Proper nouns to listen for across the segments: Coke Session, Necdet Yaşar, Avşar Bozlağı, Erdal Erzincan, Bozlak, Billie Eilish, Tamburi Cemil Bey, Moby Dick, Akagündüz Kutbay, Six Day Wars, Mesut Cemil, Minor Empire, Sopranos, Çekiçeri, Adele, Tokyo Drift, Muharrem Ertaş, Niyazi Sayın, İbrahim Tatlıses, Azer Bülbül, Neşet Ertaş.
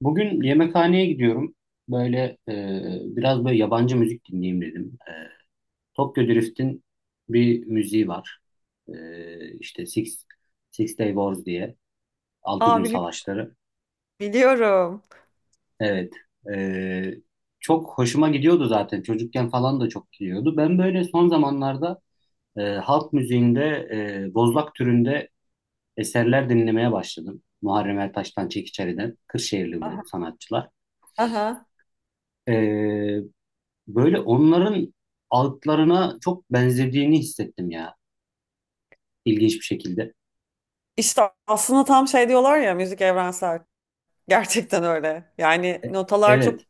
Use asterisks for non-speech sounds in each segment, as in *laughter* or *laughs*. Bugün yemekhaneye gidiyorum. Böyle biraz böyle yabancı müzik dinleyeyim dedim. Tokyo Drift'in bir müziği var. İşte Six Day Wars diye. Altı Aa gün bili- savaşları. biliyorum. Evet. E, çok hoşuma gidiyordu zaten. Çocukken falan da çok gidiyordu. Ben böyle son zamanlarda halk müziğinde bozlak türünde eserler dinlemeye başladım. Muharrem Ertaş'tan, Çekiçeri'den. Kırşehirli bu sanatçılar. Aha. E, Böyle onların altlarına çok benzediğini hissettim ya. İlginç bir şekilde. İşte aslında tam şey diyorlar ya, müzik evrensel. Gerçekten öyle. Yani E- notalar çok evet.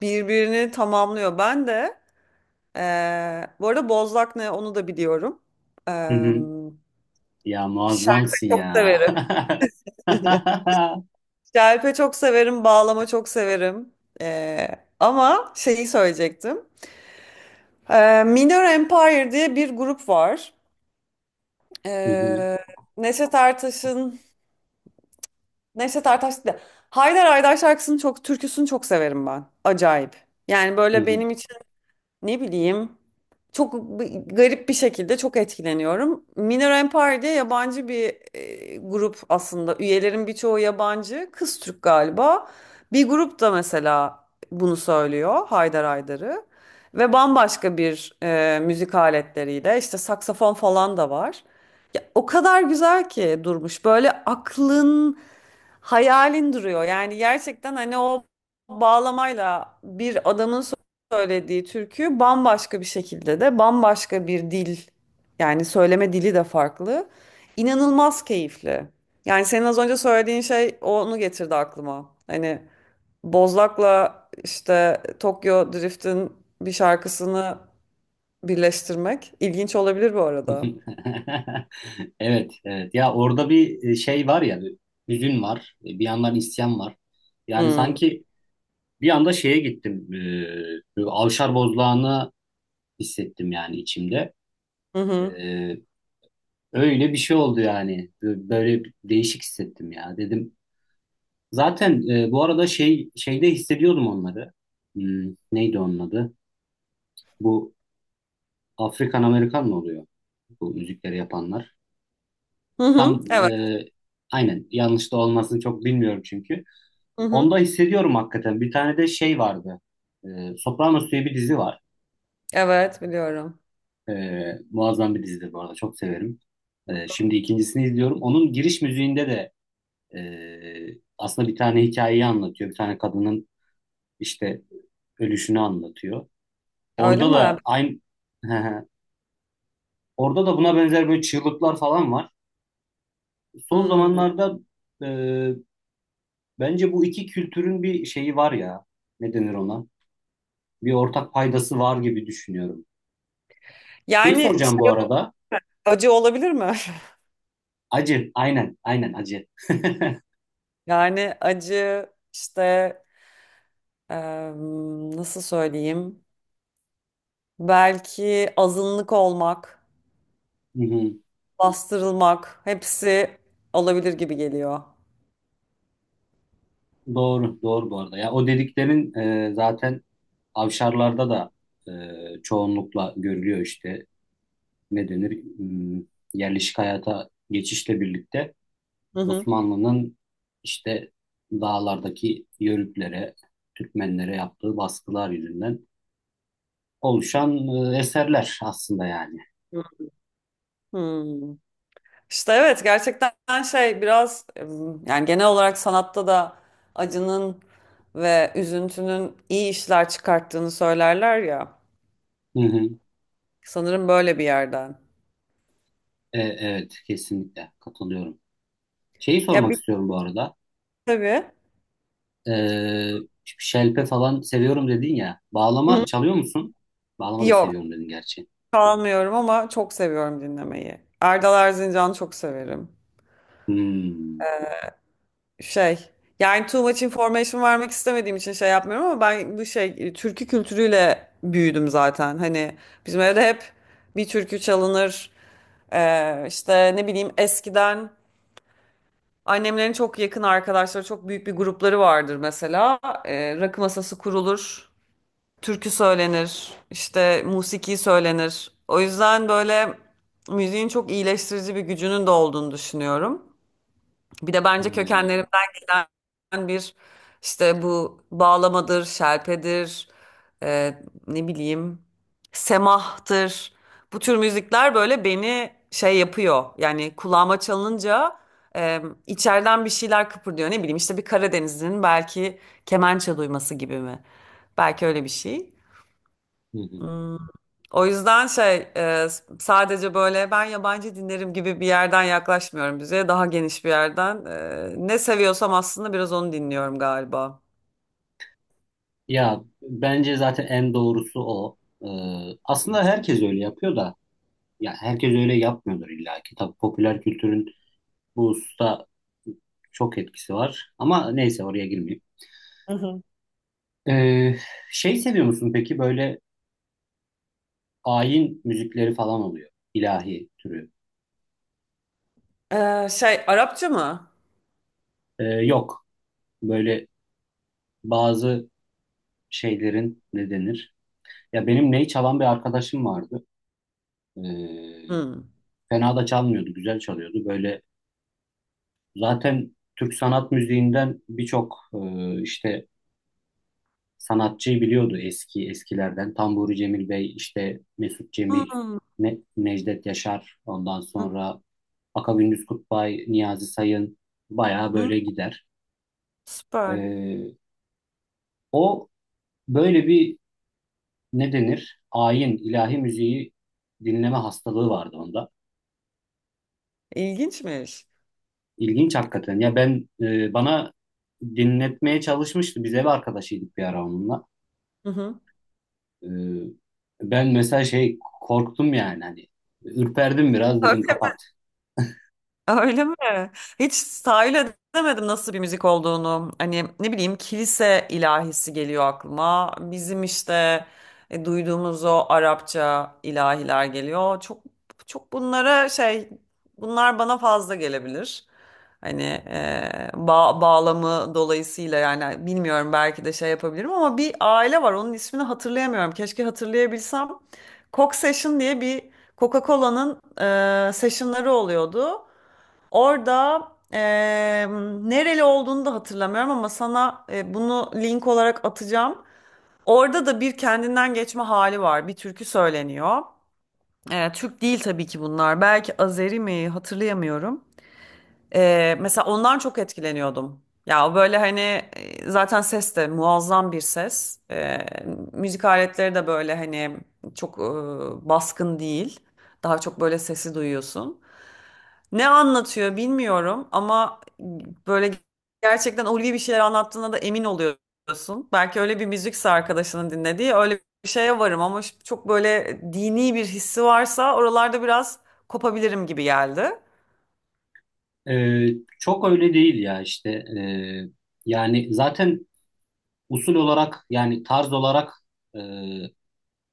birbirini tamamlıyor. Ben de bu arada Bozlak ne onu da biliyorum. Hı Eee hı. Ya Şarkı muazzamsın çok ya. severim. *laughs* Hı *laughs* Şerpe çok severim, bağlama çok severim. Ee, Ama şeyi söyleyecektim. Minor Empire diye bir grup var. hı, Ee, Neşet Ertaş'ın, Nevşet Ertaş da. Haydar Haydar şarkısını çok, türküsünü çok severim ben. Acayip. Yani hı böyle hı, benim ne bileyim. Çok b- Garip bir şekilde çok etkileniyorum. Minor Empire diye yabancı bir grup aslında. Üyelerin birçoğu yabancı. Kız Türk galiba. Bir grup da mesela bunu söylüyor. Haydar Haydar'ı. Ve bambaşka bir müzik aletleriyle. İşte saksafon falan da var. Ya, o kadar güzel ki durmuş. Böyle aklın hayalin duruyor. Yani gerçekten hani o bağlamayla bir adamın söylediği türkü bambaşka bir şekilde de, bambaşka bir dil, yani söyleme dili de farklı. İnanılmaz keyifli. Yani senin az önce söylediğin şey onu getirdi aklıma. Hani Bozlak'la, işte Tokyo Drift'in bir şarkısını birleştirmek ilginç olabilir bu hı hı. arada. *laughs* Evet, evet. Ya orada bir şey var ya, bir hüzün var, bir yandan isyan var. Yani Hmm. sanki bir anda şeye gittim, böyle Avşar Bozlağı'nı hissettim yani içimde. Hı E, hı. öyle bir şey oldu yani. Böyle değişik hissettim ya. Dedim zaten bu arada şey şeyde hissediyordum onları. Hmm, neydi onun adı? Bu Afrikan Amerikan mı oluyor? Bu müzikleri yapanlar. Hı hı. Tam Evet. Aynen yanlış da olmasını çok bilmiyorum çünkü. Hı hı. Onda hissediyorum hakikaten. Bir tane de şey vardı. E, Sopranos diye bir dizi var. Evet, biliyorum. E, muazzam bir dizidir bu arada. Çok severim. Şimdi ikincisini izliyorum. Onun giriş müziğinde de aslında bir tane hikayeyi anlatıyor. Bir tane kadının işte ölüşünü anlatıyor. Öyle Orada mi? da aynı *laughs* orada da buna benzer böyle çığlıklar falan var. Son Hmm. zamanlarda e, bence bu iki kültürün bir şeyi var ya. Ne denir ona? Bir ortak paydası var gibi düşünüyorum. Şeyi Yani soracağım bu şey, arada. acı olabilir mi? *laughs* Acı. Aynen. Aynen acı. *laughs* Hı Yani acı işte, em, nasıl söyleyeyim? Belki azınlık olmak, hı. bastırılmak, hepsi olabilir gibi geliyor. Doğru. Doğru bu arada. Ya o dediklerin zaten avşarlarda da çoğunlukla görülüyor işte. Ne denir? Hmm, yerleşik hayata geçişle birlikte. Hı hı. Osmanlı'nın işte dağlardaki Yörüklere, Türkmenlere yaptığı baskılar yüzünden oluşan eserler aslında yani. Hmm. İşte evet, gerçekten şey biraz em, yani genel olarak sanatta da acının ve üzüntünün iyi işler çıkarttığını söylerler ya. Hı hı. Sanırım böyle bir yerden. Evet, kesinlikle katılıyorum. Şeyi Ya sormak bir istiyorum bu arada. tabii. E, şelpe falan seviyorum dedin ya. Bağlama Hı. çalıyor musun? Bağlama da Yok, seviyorum dedin gerçi. çalmıyorum ama çok seviyorum dinlemeyi. Erdal Erzincan'ı çok severim. Hmm. Şey, yani too much information vermek istemediğim için şey yapmıyorum ama ben bu şey türkü kültürüyle büyüdüm zaten. Hani bizim evde hep bir türkü çalınır. İşte ne bileyim, eskiden annemlerin çok yakın arkadaşları, çok büyük bir grupları vardır mesela. Rakı masası kurulur, türkü söylenir, işte musiki söylenir. O yüzden böyle müziğin çok iyileştirici bir gücünün de olduğunu düşünüyorum. Bir de bence kökenlerimden Hmm. gelen bir, işte bu bağlamadır, şelpedir, e, ne bileyim, semahtır. Bu tür müzikler böyle beni şey yapıyor. Yani kulağıma çalınca e, içeriden bir şeyler kıpırdıyor. Ne bileyim işte, bir Karadenizli'nin belki kemençe duyması gibi mi? Belki öyle bir şey. Hı hı. Hmm. O yüzden şey sadece böyle ben yabancı dinlerim gibi bir yerden yaklaşmıyorum müziğe. Daha geniş bir yerden. Ne seviyorsam aslında biraz onu dinliyorum galiba. Ya bence zaten en doğrusu o. E, aslında herkes öyle yapıyor da. Ya herkes öyle yapmıyordur illa ki. Tabii popüler kültürün bu hususta çok etkisi var. Ama neyse oraya girmeyeyim. Hı hı. Ee, şey seviyor musun peki böyle ayin müzikleri falan oluyor. İlahi türü. E, şey, Arapça mı? Yok. Böyle bazı şeylerin ne denir? Ya benim ney çalan bir arkadaşım vardı. Ee, Hmm. fena da çalmıyordu. Güzel çalıyordu. Böyle zaten Türk sanat müziğinden birçok işte sanatçıyı biliyordu eski eskilerden. Tamburi Cemil Bey, işte Mesut Cemil, Hmm. Necdet Yaşar, ondan Hı sonra Akagündüz Kutbay, Niyazi Sayın bayağı hı. böyle gider. Süper. Ee, o böyle bir ne denir? Ayin, ilahi müziği dinleme hastalığı vardı onda. İlginçmiş. İlginç hakikaten. Ya ben bana dinletmeye çalışmıştı. Biz ev arkadaşıydık bir ara onunla. Hı hı. Ee, ben mesela şey korktum yani hani ürperdim biraz dedim kapat. Öyle mi? Hiç tahayyül edemedim nasıl bir müzik olduğunu. Hani ne bileyim, kilise ilahisi geliyor aklıma. Bizim işte duyduğumuz o Arapça ilahiler geliyor. Çok bunlara şey, bunlar bana fazla gelebilir. Hani bağlamı dolayısıyla yani bilmiyorum, belki de şey yapabilirim ama bir aile var, onun ismini hatırlayamıyorum. Keşke hatırlayabilsem. Coke Session diye bir, Coca-Cola'nın sessionları oluyordu. Orada eee, nereli olduğunu da hatırlamıyorum ama sana bunu link olarak atacağım. Orada da bir kendinden geçme hali var. Bir türkü söyleniyor. Türk değil tabii ki bunlar. Belki Azeri mi, hatırlayamıyorum. Mesela ondan çok etkileniyordum. Ya o böyle hani zaten ses de muazzam bir ses. Müzik aletleri de böyle hani çok baskın değil. Daha çok böyle sesi duyuyorsun. Ne anlatıyor bilmiyorum ama böyle gerçekten ulvi bir şeyler anlattığına da emin oluyorsun. Belki öyle bir müzikse arkadaşının dinlediği, öyle bir şeye varım ama çok böyle dini bir hissi varsa oralarda biraz kopabilirim gibi geldi. Ee, çok öyle değil ya işte. Yani zaten usul olarak yani tarz olarak e,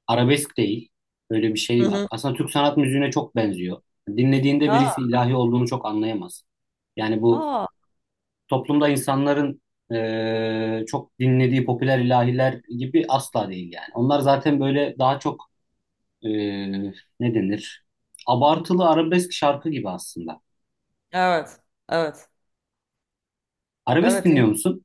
arabesk değil öyle bir Hı şey var. hı. Aslında Türk sanat müziğine çok benziyor. Dinlediğinde Aa, birisi ilahi olduğunu çok anlayamaz. Yani bu aa, toplumda insanların çok dinlediği popüler ilahiler gibi asla değil yani. Onlar zaten böyle daha çok e, ne denir? Abartılı arabesk şarkı gibi aslında. evet, evet, Arabesk evet. dinliyor musun?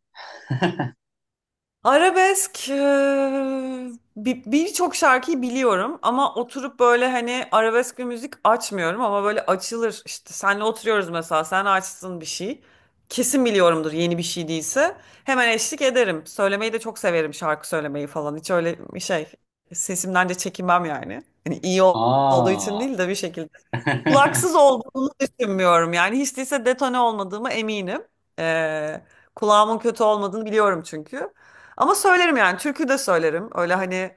Arabesk birçok şarkıyı biliyorum ama oturup böyle hani arabesk bir müzik açmıyorum ama böyle açılır işte, senle oturuyoruz mesela, sen açsın bir şey kesin biliyorumdur, yeni bir şey değilse hemen eşlik ederim, söylemeyi de çok severim, şarkı söylemeyi falan, hiç öyle bir şey sesimden de çekinmem, yani hani olduğu için Aa. değil de bir şekilde. *laughs* Laksız olduğunu düşünmüyorum. Yani hiç değilse detone olmadığımı eminim. Ee, Kulağımın kötü olmadığını biliyorum çünkü. Ama söylerim, yani türkü de söylerim. Öyle hani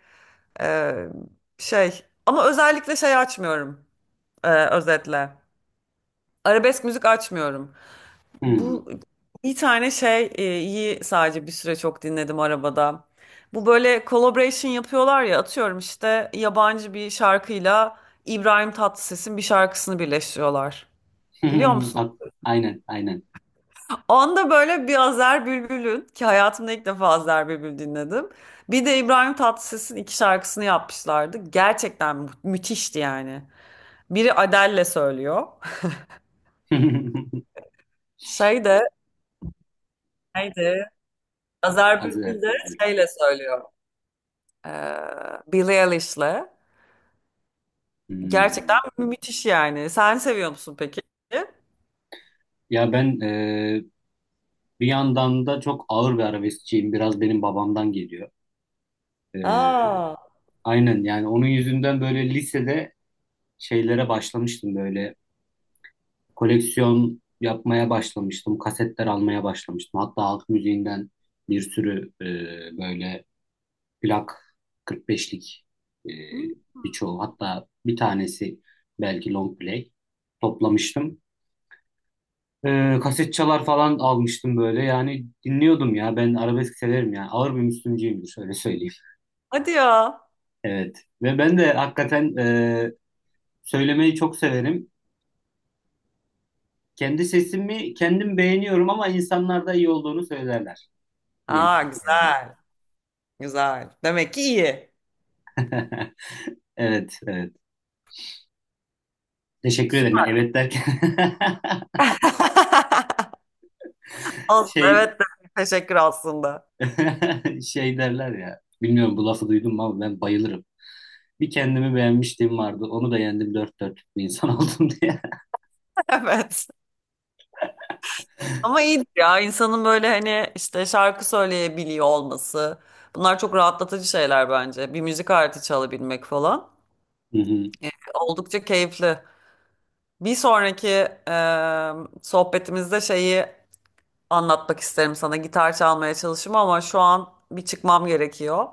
e, şey, ama özellikle şey açmıyorum, özetle. Arabesk müzik açmıyorum. Hmm. Bu bir tane şey iyi, sadece bir süre çok dinledim arabada. Bu böyle collaboration yapıyorlar ya, atıyorum işte yabancı bir şarkıyla İbrahim Tatlıses'in bir şarkısını birleştiriyorlar. Biliyor *laughs* musun? At- aynen, aynen. Onda böyle bir Azer Bülbül'ün ki, hayatımda ilk defa Azer Bülbül dinledim. Bir de İbrahim Tatlıses'in iki şarkısını yapmışlardı. Gerçekten müthişti yani. Biri Adele'le söylüyor. *laughs* Şey de, neydi? Azer Bülbül de Azerbaycan. şeyle söylüyor. Billie Eilish'le. Gerçekten Hmm. mü- müthiş yani. Sen seviyor musun peki? Ya ben bir yandan da çok ağır bir arabeskçiyim. Biraz benim babamdan geliyor. E, Aa. aynen yani onun yüzünden böyle lisede şeylere başlamıştım böyle. Koleksiyon yapmaya başlamıştım. Kasetler almaya başlamıştım. Hatta halk müziğinden bir sürü böyle plak 45'lik e, Hmm. birçoğu hatta bir tanesi belki long play toplamıştım. Kaset çalar falan almıştım böyle yani dinliyordum ya ben arabesk severim yani ağır bir Müslümcüyümdür öyle söyleyeyim. Hadi ya. Evet ve ben de hakikaten söylemeyi çok severim. Kendi sesimi kendim beğeniyorum ama insanlar da iyi olduğunu söylerler. Diye- Aa, güzel. Güzel. Demek ki iyi. *laughs* evet, evet. Teşekkür ederim. Ben Süper. evet derken *laughs* *laughs* Aslında şey evet de teşekkür aslında. *laughs* *laughs* şey derler ya. Bilmiyorum bu lafı duydun mu ama ben bayılırım. Bir kendimi beğenmişliğim vardı. Onu da yendim dört dörtlük bir insan *laughs* oldum diye. Evet. Ama iyidir ya insanın böyle hani işte şarkı söyleyebiliyor olması. Bunlar çok rahatlatıcı şeyler bence. Bir müzik aleti çalabilmek falan. Hı hı. Oldukça keyifli. Bir sonraki sohbetimizde şeyi anlatmak isterim sana. Gitar çalmaya çalışım, ama şu an bir çıkmam gerekiyor.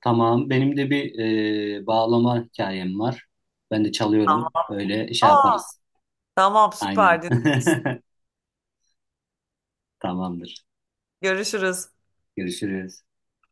Tamam. Benim de bir bağlama hikayem var. Ben de çalıyorum. Öyle şey Aa, yaparız. tamam, Aynen. süper. Dinlemek istedim. *laughs* Tamamdır. Görüşürüz. Görüşürüz.